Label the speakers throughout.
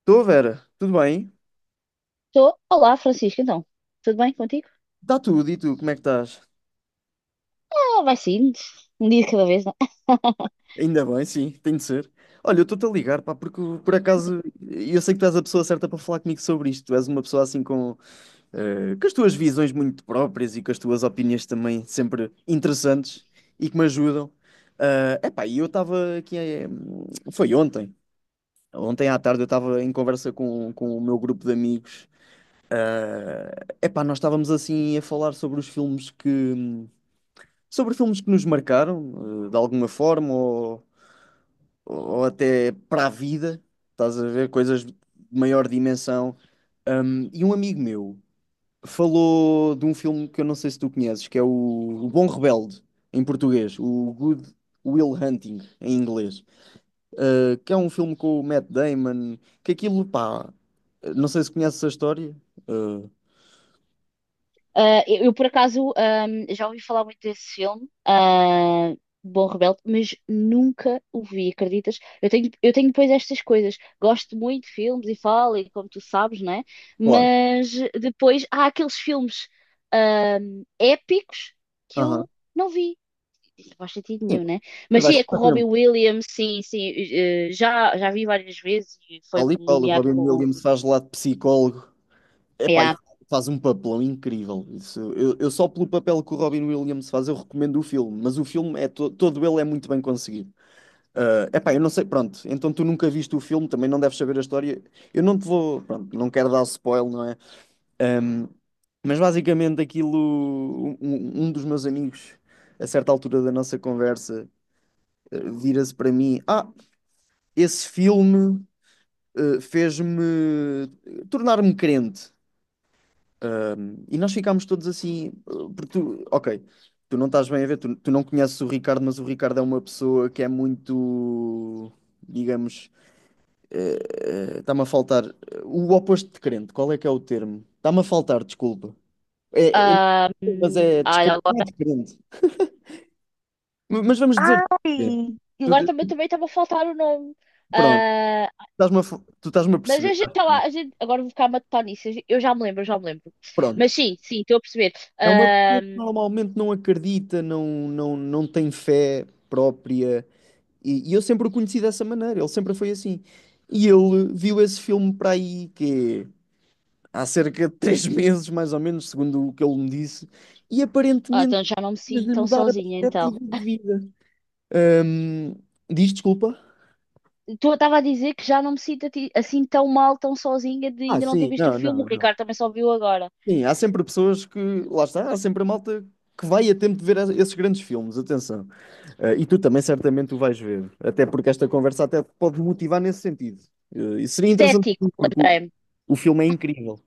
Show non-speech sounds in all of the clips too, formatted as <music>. Speaker 1: Estou, Vera, tudo bem?
Speaker 2: Estou. Olá, Francisco, então. Tudo bem contigo?
Speaker 1: Está tudo, e tu, como é que estás?
Speaker 2: Vai sim. Um dia de cada vez, não é?
Speaker 1: Ainda bem, sim, tem de ser. Olha, eu estou-te a ligar, pá, porque por acaso eu sei que tu és a pessoa certa para falar comigo sobre isto. Tu és uma pessoa assim com, com as tuas visões muito próprias e com as tuas opiniões também sempre interessantes e que me ajudam. É epá, e eu estava aqui, foi ontem. Ontem à tarde eu estava em conversa com o meu grupo de amigos. Epá, nós estávamos assim a falar sobre filmes que nos marcaram, de alguma forma, ou até para a vida, estás a ver? Coisas de maior dimensão. E um amigo meu falou de um filme que eu não sei se tu conheces, que é o Bom Rebelde, em português, o Good Will Hunting, em inglês, que é um filme com o Matt Damon, que aquilo, pá, não sei se conheces a história. eh,
Speaker 2: Eu por acaso, já ouvi falar muito desse filme, Bom Rebelde, mas nunca o vi, acreditas? Eu tenho depois estas coisas. Gosto muito de filmes e falo, e como tu sabes, né?
Speaker 1: Claro.
Speaker 2: Mas depois há aqueles filmes, épicos que
Speaker 1: Aham.
Speaker 2: eu não vi. Não faz sentido
Speaker 1: Sim,
Speaker 2: nenhum, né?
Speaker 1: mas
Speaker 2: Mas sim,
Speaker 1: vais
Speaker 2: é com o
Speaker 1: ficar
Speaker 2: Robbie
Speaker 1: tempo.
Speaker 2: Williams, sim, sim, já vi várias vezes e foi
Speaker 1: Ali Paulo, o
Speaker 2: nomeado
Speaker 1: Robin
Speaker 2: com.
Speaker 1: Williams faz lá de psicólogo. Epá, e
Speaker 2: Yeah.
Speaker 1: faz um papelão incrível. Isso, eu só pelo papel que o Robin Williams faz, eu recomendo o filme, mas o filme é todo ele é muito bem conseguido. Ah, epá, eu não sei, pronto, então tu nunca viste o filme, também não deves saber a história. Eu não te vou, pronto, não quero dar spoiler, não é? Ahm, mas basicamente aquilo, um dos meus amigos, a certa altura da nossa conversa, vira-se para mim: Ah, esse filme fez-me tornar-me crente. E nós ficámos todos assim, porque tu, ok, tu não estás bem a ver, tu não conheces o Ricardo, mas o Ricardo é uma pessoa que é muito, digamos, eh, está-me a faltar o oposto de crente, qual é que é o termo? Está-me a faltar, desculpa. É, é- mas é
Speaker 2: Olha,
Speaker 1: descrente, não é
Speaker 2: agora,
Speaker 1: descrente. Mas vamos dizer, é,
Speaker 2: ai!
Speaker 1: tu-
Speaker 2: Agora também estava a faltar o nome.
Speaker 1: pronto,
Speaker 2: Ah,
Speaker 1: estás-me a, tu estás-me a
Speaker 2: mas a
Speaker 1: perceber.
Speaker 2: gente,
Speaker 1: Acho
Speaker 2: sei lá,
Speaker 1: eu.
Speaker 2: a gente, agora vou ficar a matutar nisso. Eu já me lembro, eu já me lembro.
Speaker 1: Pronto.
Speaker 2: Mas sim, sim, estou a perceber.
Speaker 1: É uma
Speaker 2: Ah,
Speaker 1: pessoa que normalmente não acredita, não tem fé própria. E eu sempre o conheci dessa maneira, ele sempre foi assim. E ele viu esse filme para aí que é, há cerca de três <laughs> meses, mais ou menos, segundo o que ele me disse, e
Speaker 2: ah,
Speaker 1: aparentemente
Speaker 2: então já não me sinto
Speaker 1: fez-lhe
Speaker 2: tão
Speaker 1: mudar a
Speaker 2: sozinha, então.
Speaker 1: perspectiva de vida. Ahm, Diz desculpa?
Speaker 2: Tu estava a dizer que já não me sinto ati- assim tão mal, tão sozinha de
Speaker 1: Ah,
Speaker 2: ainda não ter
Speaker 1: sim,
Speaker 2: visto o
Speaker 1: não,
Speaker 2: filme.
Speaker 1: não,
Speaker 2: O
Speaker 1: não.
Speaker 2: Ricardo também só viu agora.
Speaker 1: Sim, há sempre pessoas que, lá está, há sempre a malta que vai a tempo de ver esses grandes filmes, atenção. Ah, e tu também certamente o vais ver, até porque esta conversa até te pode motivar nesse sentido. Ah, e seria interessante,
Speaker 2: Cético,
Speaker 1: porque o
Speaker 2: lembrei-me.
Speaker 1: o filme é incrível.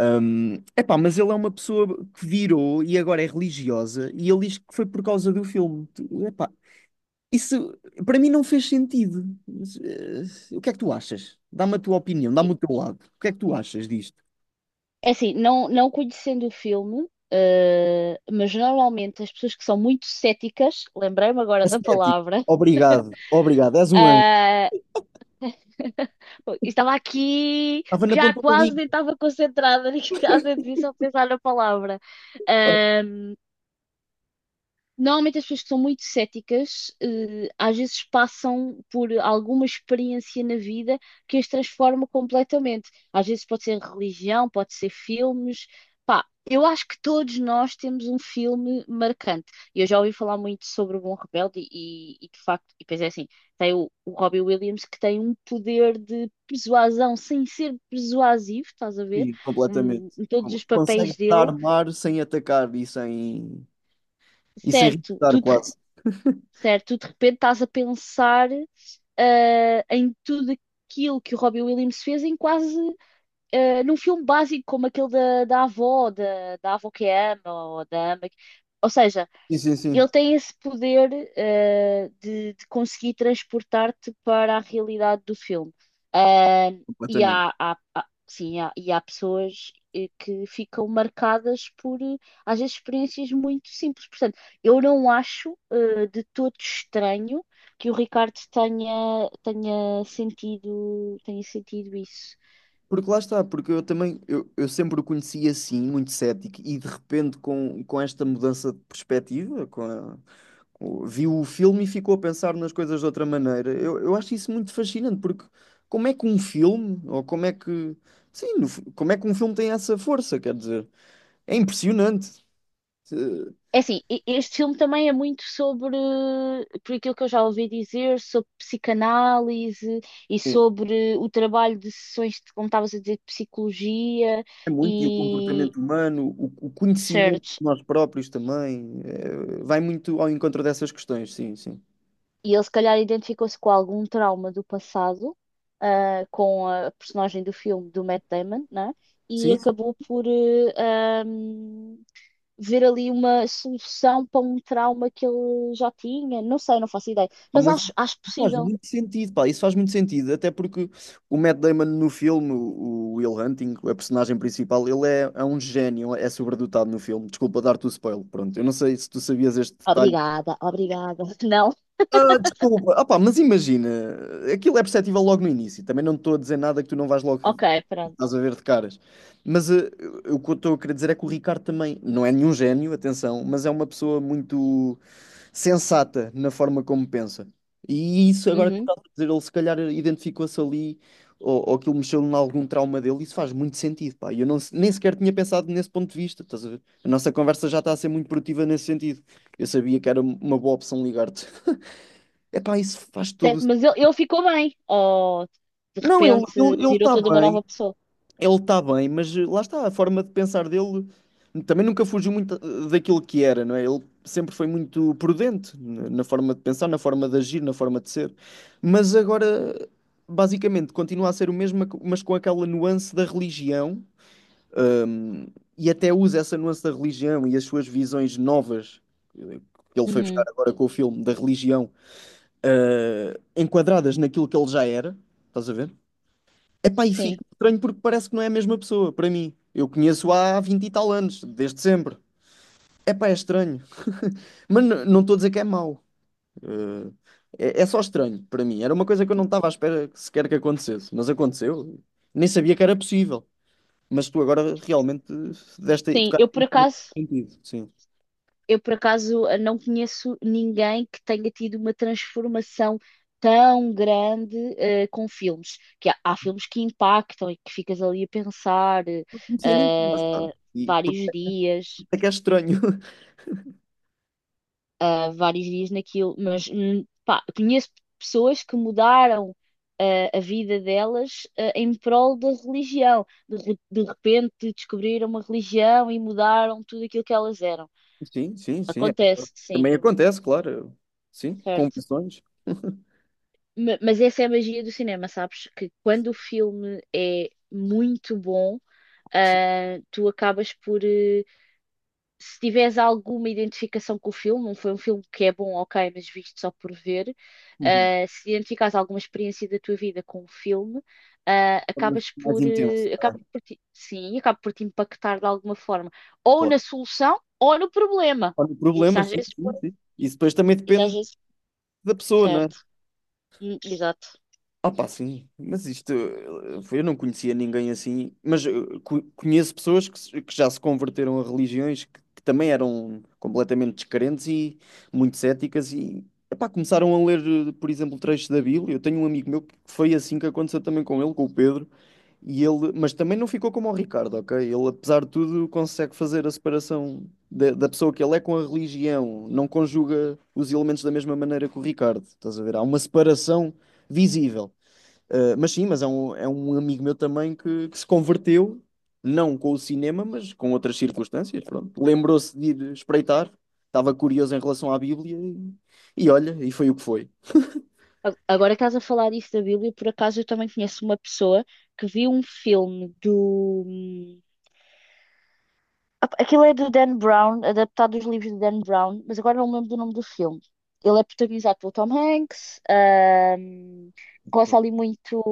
Speaker 1: Epá, mas ele é uma pessoa que virou e agora é religiosa e ele diz que foi por causa do filme. Epá, isso para mim não fez sentido. Mas, o que é que tu achas? Dá-me a tua opinião, dá-me o teu lado. O que é que tu achas disto?
Speaker 2: É assim, não, não conhecendo o filme, mas normalmente as pessoas que são muito céticas, lembrei-me agora da
Speaker 1: Ascético.
Speaker 2: palavra,
Speaker 1: Obrigado, obrigado. És um anjo.
Speaker 2: ah, <laughs> estava aqui,
Speaker 1: Estava na
Speaker 2: já
Speaker 1: ponta da
Speaker 2: quase nem
Speaker 1: língua.
Speaker 2: estava concentrada, <laughs> nem quase nem dizer só pensar na palavra. eh, Normalmente as pessoas que são muito céticas, às vezes passam por alguma experiência na vida que as transforma completamente. Às vezes pode ser religião, pode ser filmes. Pá, eu acho que todos nós temos um filme marcante. Eu já ouvi falar muito sobre o Bom Rebelde e, de facto, e depois é assim, tem o Robbie Williams que tem um poder de persuasão sem ser persuasivo, estás a ver?
Speaker 1: Sim, completamente.
Speaker 2: Em todos os
Speaker 1: Consegue
Speaker 2: papéis dele.
Speaker 1: dar mar sem atacar e sem,
Speaker 2: Certo,
Speaker 1: irritar
Speaker 2: tu te
Speaker 1: quase.
Speaker 2: certo? Tu de repente estás a pensar em tudo aquilo que o Robbie Williams fez em quase num filme básico como aquele da avó, da avó que ama ou da ama. Que- ou seja,
Speaker 1: Sim, sim, sim.
Speaker 2: ele tem esse poder, de conseguir transportar-te para a realidade do filme. Ah, e
Speaker 1: Completamente.
Speaker 2: há, há- há- sim, há, e há pessoas que ficam marcadas por, às vezes, experiências muito simples. Portanto, eu não acho, de todo estranho que o Ricardo tenha sentido isso.
Speaker 1: Porque lá está, porque eu também, eu sempre o conheci assim, muito cético, e de repente com esta mudança de perspectiva, viu o filme e ficou a pensar nas coisas de outra maneira. Eu acho isso muito fascinante, porque como é que um filme, ou como é que, sim, no fu- como é que um filme tem essa força, quer dizer, é impressionante. Eh,
Speaker 2: É assim, e- este filme também é muito sobre, por aquilo que eu já ouvi dizer, sobre psicanálise e
Speaker 1: Sim,
Speaker 2: sobre o trabalho de sessões de, como estavas a dizer, de psicologia
Speaker 1: é muito, e o
Speaker 2: e
Speaker 1: comportamento humano, o conhecimento
Speaker 2: research.
Speaker 1: de nós próprios também, vai muito ao encontro dessas questões, sim, sim.
Speaker 2: E ele se calhar identificou-se com algum trauma do passado, com a personagem do filme do Matt Damon, né? E
Speaker 1: Sim,
Speaker 2: acabou por ahm, ver ali uma solução para um trauma que ele já tinha. Não sei, não faço ideia, mas
Speaker 1: mas
Speaker 2: acho, acho
Speaker 1: faz
Speaker 2: possível.
Speaker 1: muito sentido, pá, isso faz muito sentido, até porque o Matt Damon no filme, o Will Hunting, a personagem principal, ele é um gênio, é sobredotado no filme. Desculpa dar-te o spoiler, pronto, eu não sei se tu sabias este detalhe.
Speaker 2: Obrigada, obrigada. <laughs> Não?
Speaker 1: Ah, desculpa, ah, pá, mas imagina, aquilo é perceptível logo no início, também não te estou a dizer nada que tu não vais logo,
Speaker 2: Ok, pronto.
Speaker 1: estás a ver de caras. Mas o que eu estou a querer dizer é que o Ricardo também não é nenhum gênio, atenção, mas é uma pessoa muito sensata na forma como pensa. E isso agora que tu
Speaker 2: Uhum.
Speaker 1: estás a dizer, ele se calhar identificou-se ali, ou aquilo mexeu em algum trauma dele, isso faz muito sentido, pá. Eu não, nem sequer tinha pensado nesse ponto de vista, estás a ver? A nossa conversa já está a ser muito produtiva nesse sentido. Eu sabia que era uma boa opção ligar-te. É pá, isso faz todo o...
Speaker 2: Certo, mas ele ficou bem. Ou de
Speaker 1: Não, ele
Speaker 2: repente
Speaker 1: ele ele
Speaker 2: virou
Speaker 1: está
Speaker 2: toda uma
Speaker 1: bem.
Speaker 2: nova pessoa.
Speaker 1: Ele está bem, mas lá está, a forma de pensar dele também nunca fugiu muito daquilo que era, não é? Ele sempre foi muito prudente na forma de pensar, na forma de agir, na forma de ser. Mas agora, basicamente, continua a ser o mesmo, mas com aquela nuance da religião, hum, e até usa essa nuance da religião e as suas visões novas, eh, que ele foi buscar
Speaker 2: Uhum.
Speaker 1: agora com o filme, da religião, enquadradas naquilo que ele já era, estás a ver? Epá, e
Speaker 2: Sim.
Speaker 1: fico estranho porque parece que não é a mesma pessoa, para mim. Eu conheço há 20 e tal anos, desde sempre. Epá, é estranho. <laughs> Mas não estou a dizer que é mau. Eh, é só estranho para mim. Era uma coisa que eu não estava à espera que sequer que acontecesse. Mas aconteceu. Nem sabia que era possível. Mas tu agora realmente
Speaker 2: Sim,
Speaker 1: tocaste sentido. Sim.
Speaker 2: eu por acaso não conheço ninguém que tenha tido uma transformação tão grande com filmes. Que há, há filmes que impactam e que ficas ali a pensar
Speaker 1: Não conhecia ninguém, lá está.
Speaker 2: eh,
Speaker 1: E por
Speaker 2: vários
Speaker 1: por
Speaker 2: dias.
Speaker 1: isso é que é estranho. <laughs>
Speaker 2: Vários dias naquilo, mas pá, conheço pessoas que mudaram a vida delas em prol da religião. De, re- de repente descobriram uma religião e mudaram tudo aquilo que elas eram.
Speaker 1: Sim, sim, sim. É.
Speaker 2: Acontece, sim,
Speaker 1: Também acontece, claro. Sim,
Speaker 2: certo.
Speaker 1: confissões.
Speaker 2: Ma- mas essa é a magia do cinema, sabes? Que quando o filme é muito bom,
Speaker 1: Sim.
Speaker 2: tu acabas por se tiveres alguma identificação com o filme, não foi um filme que é bom, ok, mas visto só por ver,
Speaker 1: Uhum. De
Speaker 2: se identificares alguma experiência da tua vida com o filme, ah,
Speaker 1: forma
Speaker 2: acabas
Speaker 1: mais
Speaker 2: por,
Speaker 1: intensa.
Speaker 2: eh, acaba por ti- sim, acaba por te impactar de alguma forma, ou
Speaker 1: Claro.
Speaker 2: na solução, ou no problema.
Speaker 1: Olha o
Speaker 2: Isso
Speaker 1: problema,
Speaker 2: às
Speaker 1: sim,
Speaker 2: vezes,
Speaker 1: sim,
Speaker 2: pode-
Speaker 1: sim. Isso depois também
Speaker 2: isso às
Speaker 1: depende
Speaker 2: vezes,
Speaker 1: da pessoa, né?
Speaker 2: certo, hum, exato.
Speaker 1: Ah, pá, sim. Mas isto, eu não conhecia ninguém assim, mas conheço pessoas que, que já se converteram a religiões que também eram completamente descrentes e muito céticas e, epá, começaram a ler, por exemplo, trechos da Bíblia. Eu tenho um amigo meu que foi assim que aconteceu também com ele, com o Pedro. E ele, mas também não ficou como o Ricardo, ok? Ele, apesar de tudo, consegue fazer a separação da pessoa que ele é com a religião, não conjuga os elementos da mesma maneira que o Ricardo, estás a ver? Há uma separação visível. Ah, mas sim, mas é um amigo meu também que se converteu, não com o cinema, mas com outras circunstâncias, pronto. Lembrou-se de ir espreitar, estava curioso em relação à Bíblia e olha, e foi o que foi.
Speaker 2: A- agora que estás a falar isso da Bíblia, por acaso eu também conheço uma pessoa que viu um filme do aquilo é do Dan Brown, adaptado dos livros de Dan Brown, mas agora não me lembro do nome do filme. Ele é protagonizado pelo Tom Hanks, roça ali muito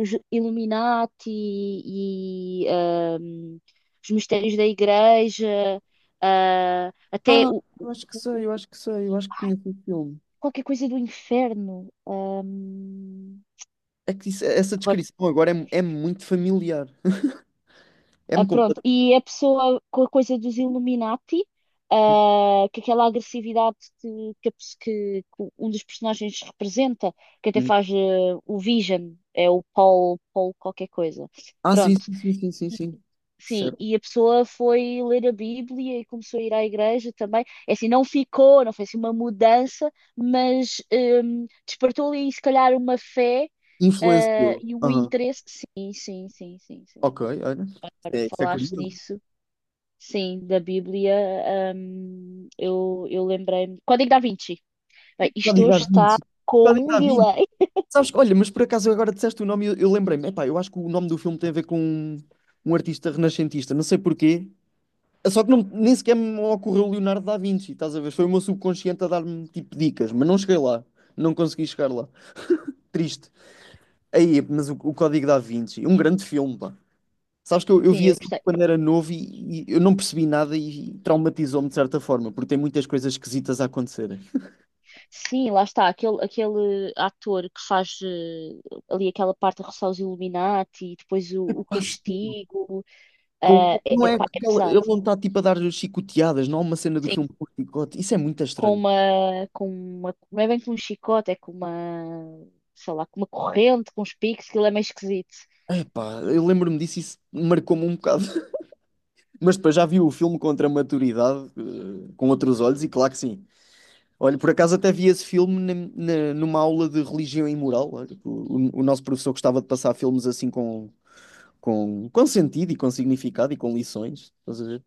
Speaker 2: os Illuminati e os mistérios da igreja, ah, até
Speaker 1: Ah, eu acho que
Speaker 2: o-
Speaker 1: sei, eu acho que sei, eu acho que
Speaker 2: ai,
Speaker 1: conheço o filme.
Speaker 2: qualquer coisa do inferno.
Speaker 1: É que essa
Speaker 2: Agora
Speaker 1: descrição agora é muito familiar.
Speaker 2: Ah,
Speaker 1: É-me
Speaker 2: pronto,
Speaker 1: completamente.
Speaker 2: e a pessoa com a coisa dos Illuminati, que aquela agressividade que, a pes- que um dos personagens representa, que até
Speaker 1: Hum.
Speaker 2: faz o Vision, é o Paul, Paul qualquer coisa.
Speaker 1: Ah, sim,
Speaker 2: Pronto.
Speaker 1: sim, sim, sim, sim,
Speaker 2: E-
Speaker 1: sim.
Speaker 2: sim,
Speaker 1: Certo.
Speaker 2: e a pessoa foi ler a Bíblia e começou a ir à igreja também. É assim, não ficou, não foi assim uma mudança, mas despertou ali, se calhar, uma fé
Speaker 1: Influenciou.
Speaker 2: e um
Speaker 1: Aham.
Speaker 2: interesse. Sim, sim, sim, sim, sim.
Speaker 1: Ok, olha.
Speaker 2: Agora
Speaker 1: É,
Speaker 2: que
Speaker 1: isso é
Speaker 2: falaste
Speaker 1: curioso.
Speaker 2: nisso. Sim, da Bíblia, eu lembrei-me. Código da Vinci. Bem, isto
Speaker 1: Código da
Speaker 2: hoje está
Speaker 1: Vinci.
Speaker 2: com
Speaker 1: Código
Speaker 2: um
Speaker 1: da Vinci.
Speaker 2: delay.
Speaker 1: Sabes, olha, mas por acaso agora disseste o nome e eu lembrei-me. Epá, eu acho que o nome do filme tem a ver com um artista renascentista, não sei porquê. Só que não, nem sequer me ocorreu Leonardo da Vinci, estás a ver? Foi o meu subconsciente a dar-me tipo dicas, mas não cheguei lá. Não consegui chegar lá. Triste. Aí, mas o Código da Vinci, um grande filme, pá. Sabes que eu vi
Speaker 2: Sim, eu
Speaker 1: esse filme
Speaker 2: gostei.
Speaker 1: quando era novo e eu não percebi nada e traumatizou-me de certa forma, porque tem muitas coisas esquisitas a acontecerem.
Speaker 2: Sim, lá está, aquele ator que faz ali aquela parte a roçar os Illuminati e depois o
Speaker 1: Quase,
Speaker 2: castigo. É,
Speaker 1: não
Speaker 2: é
Speaker 1: é
Speaker 2: pá, é
Speaker 1: aquela,
Speaker 2: pesado.
Speaker 1: ele não está tipo a dar chicoteadas, não há uma cena do
Speaker 2: Sim,
Speaker 1: filme com chicote. Isso é muito
Speaker 2: com
Speaker 1: estranho.
Speaker 2: uma, com uma. Não é bem com um chicote, é com uma. Sei lá, com uma corrente, com uns picos, aquilo é meio esquisito.
Speaker 1: Epá, eu lembro-me disso e isso marcou-me um bocado. <laughs> Mas depois já vi o filme contra a maturidade, com outros olhos, e claro que sim. Olha, por acaso até vi esse filme numa aula de religião e moral. Olha, o nosso professor gostava de passar filmes assim com sentido e com significado e com lições. Estás a ver?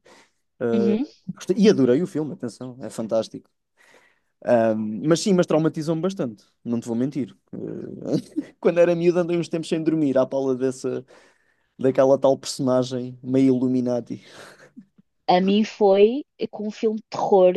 Speaker 1: Ah,
Speaker 2: Uhum.
Speaker 1: e adorei o filme, atenção, é fantástico. Ah, mas sim, mas traumatizou-me bastante, não te vou mentir. Ah, <laughs> quando era miúdo andei uns tempos sem dormir à pala dessa, daquela tal personagem meio Illuminati.
Speaker 2: A mim foi com um filme de terror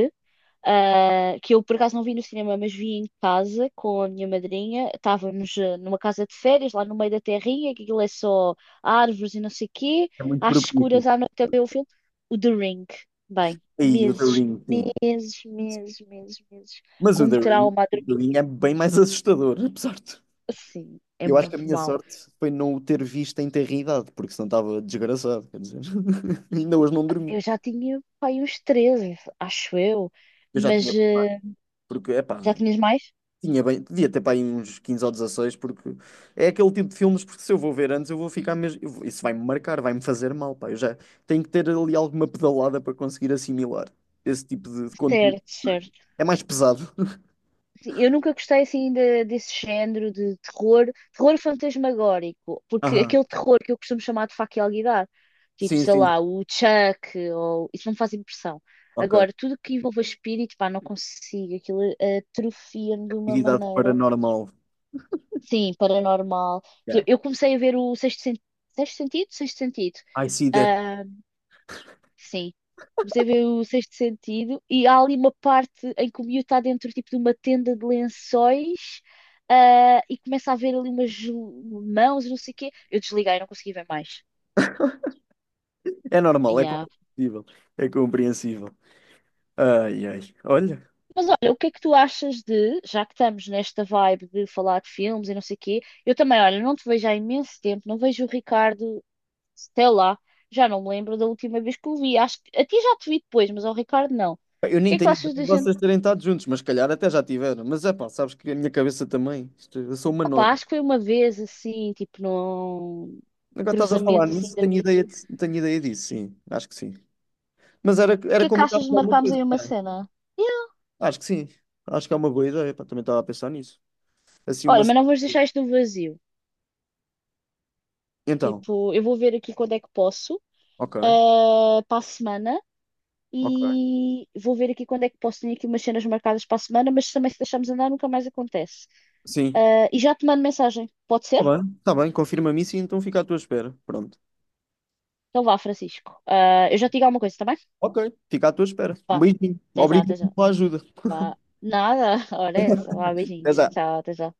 Speaker 2: que eu por acaso não vi no cinema, mas vi em casa com a minha madrinha. Estávamos numa casa de férias, lá no meio da terrinha, que aquilo é só árvores e não sei o quê,
Speaker 1: É muito
Speaker 2: às escuras
Speaker 1: propício.
Speaker 2: à noite a ver o filme. O The Ring. Bem,
Speaker 1: E o The Ring, sim.
Speaker 2: meses,
Speaker 1: Mas
Speaker 2: com
Speaker 1: o
Speaker 2: um
Speaker 1: The Ring,
Speaker 2: trauma a
Speaker 1: o The
Speaker 2: dormir.
Speaker 1: Ring é bem mais assustador, apesar de.
Speaker 2: Assim, é
Speaker 1: Eu acho que a
Speaker 2: muito
Speaker 1: minha
Speaker 2: mau.
Speaker 1: sorte foi não o ter visto em terridade, porque senão estava desgraçado, quer dizer. <laughs> Ainda hoje não dormi.
Speaker 2: Eu já tinha, pai, uns 13, acho eu,
Speaker 1: Eu já
Speaker 2: mas
Speaker 1: tinha, porque,
Speaker 2: já
Speaker 1: epá,
Speaker 2: tinhas mais?
Speaker 1: tinha bem, devia ter para aí uns 15 ou 16, porque é aquele tipo de filmes, porque se eu vou ver antes, eu vou ficar mesmo, isso vai-me marcar, vai-me fazer mal, pá. Eu já tenho que ter ali alguma pedalada para conseguir assimilar esse tipo de conteúdo.
Speaker 2: Certo, certo.
Speaker 1: É mais pesado. <laughs>
Speaker 2: Eu nunca gostei assim de- desse género de terror, terror fantasmagórico, porque
Speaker 1: Aham.
Speaker 2: aquele terror que eu costumo chamar de faca e alguidar, tipo,
Speaker 1: Sim,
Speaker 2: sei
Speaker 1: sim.
Speaker 2: lá, o Chuck, ou isso não me faz impressão.
Speaker 1: Ok.
Speaker 2: Agora, tudo que envolva espírito, pá, não consigo, aquilo atrofia-me de uma
Speaker 1: Atividade
Speaker 2: maneira,
Speaker 1: paranormal.
Speaker 2: sim, paranormal. Eu
Speaker 1: Yeah.
Speaker 2: eu comecei a ver o Sexto Sentido.
Speaker 1: I see that.
Speaker 2: Ah, sim. Comecei a ver o Sexto Sentido e há ali uma parte em que o miúdo está dentro tipo, de uma tenda de lençóis e começa a ver ali umas mãos e não sei o quê. Eu desliguei, não consegui ver mais.
Speaker 1: É normal, é
Speaker 2: Yeah.
Speaker 1: compreensível. É compreensível. Ai, ai. Olha,
Speaker 2: Mas olha, o que é que tu achas de, já que estamos nesta vibe de falar de filmes e não sei o quê, eu também, olha, não te vejo há imenso tempo, não vejo o Ricardo, sei lá, já não me lembro da última vez que o vi. Acho que a ti já te vi depois, mas ao Ricardo não. O
Speaker 1: pá, eu
Speaker 2: que
Speaker 1: nem
Speaker 2: é que tu
Speaker 1: tenho ideia
Speaker 2: achas
Speaker 1: de
Speaker 2: da gente
Speaker 1: vocês terem estado juntos, mas se calhar até já tiveram. Mas é pá, sabes que a minha cabeça também. Eu sou uma
Speaker 2: opa,
Speaker 1: noda.
Speaker 2: acho que foi uma vez assim, tipo num
Speaker 1: Agora estás a falar
Speaker 2: cruzamento assim
Speaker 1: nisso,
Speaker 2: de
Speaker 1: tenho
Speaker 2: amigos.
Speaker 1: ideia, tenho ideia disso, sim. Acho que sim. Mas era,
Speaker 2: O
Speaker 1: era
Speaker 2: que é que achas
Speaker 1: combinado
Speaker 2: de
Speaker 1: com alguma
Speaker 2: marcarmos
Speaker 1: coisa,
Speaker 2: aí uma
Speaker 1: não é?
Speaker 2: cena? Yeah.
Speaker 1: Acho que sim. Acho que é uma boa ideia. Pá, também estava a pensar nisso. Assim, uma.
Speaker 2: Olha, mas não vamos deixar isto no vazio.
Speaker 1: Então,
Speaker 2: Tipo, eu vou ver aqui quando é que posso,
Speaker 1: ok,
Speaker 2: para a semana,
Speaker 1: ok.
Speaker 2: e vou ver aqui quando é que posso. Tenho aqui umas cenas marcadas para a semana, mas também se deixarmos andar nunca mais acontece.
Speaker 1: Sim.
Speaker 2: Eh, e já te mando mensagem, pode ser?
Speaker 1: Tá bem, confirma-me isso e então fica à tua espera. Pronto,
Speaker 2: Então vá, Francisco. Eh, eu já te digo alguma coisa, também?
Speaker 1: ok. Fica à tua espera. Um
Speaker 2: Vá,
Speaker 1: beijinho,
Speaker 2: até já,
Speaker 1: obrigado
Speaker 2: até já.
Speaker 1: pela ajuda.
Speaker 2: Vá. Nada, <laughs> olha essa. Vá,
Speaker 1: Até
Speaker 2: beijinhos.
Speaker 1: já.
Speaker 2: Tchau, até já.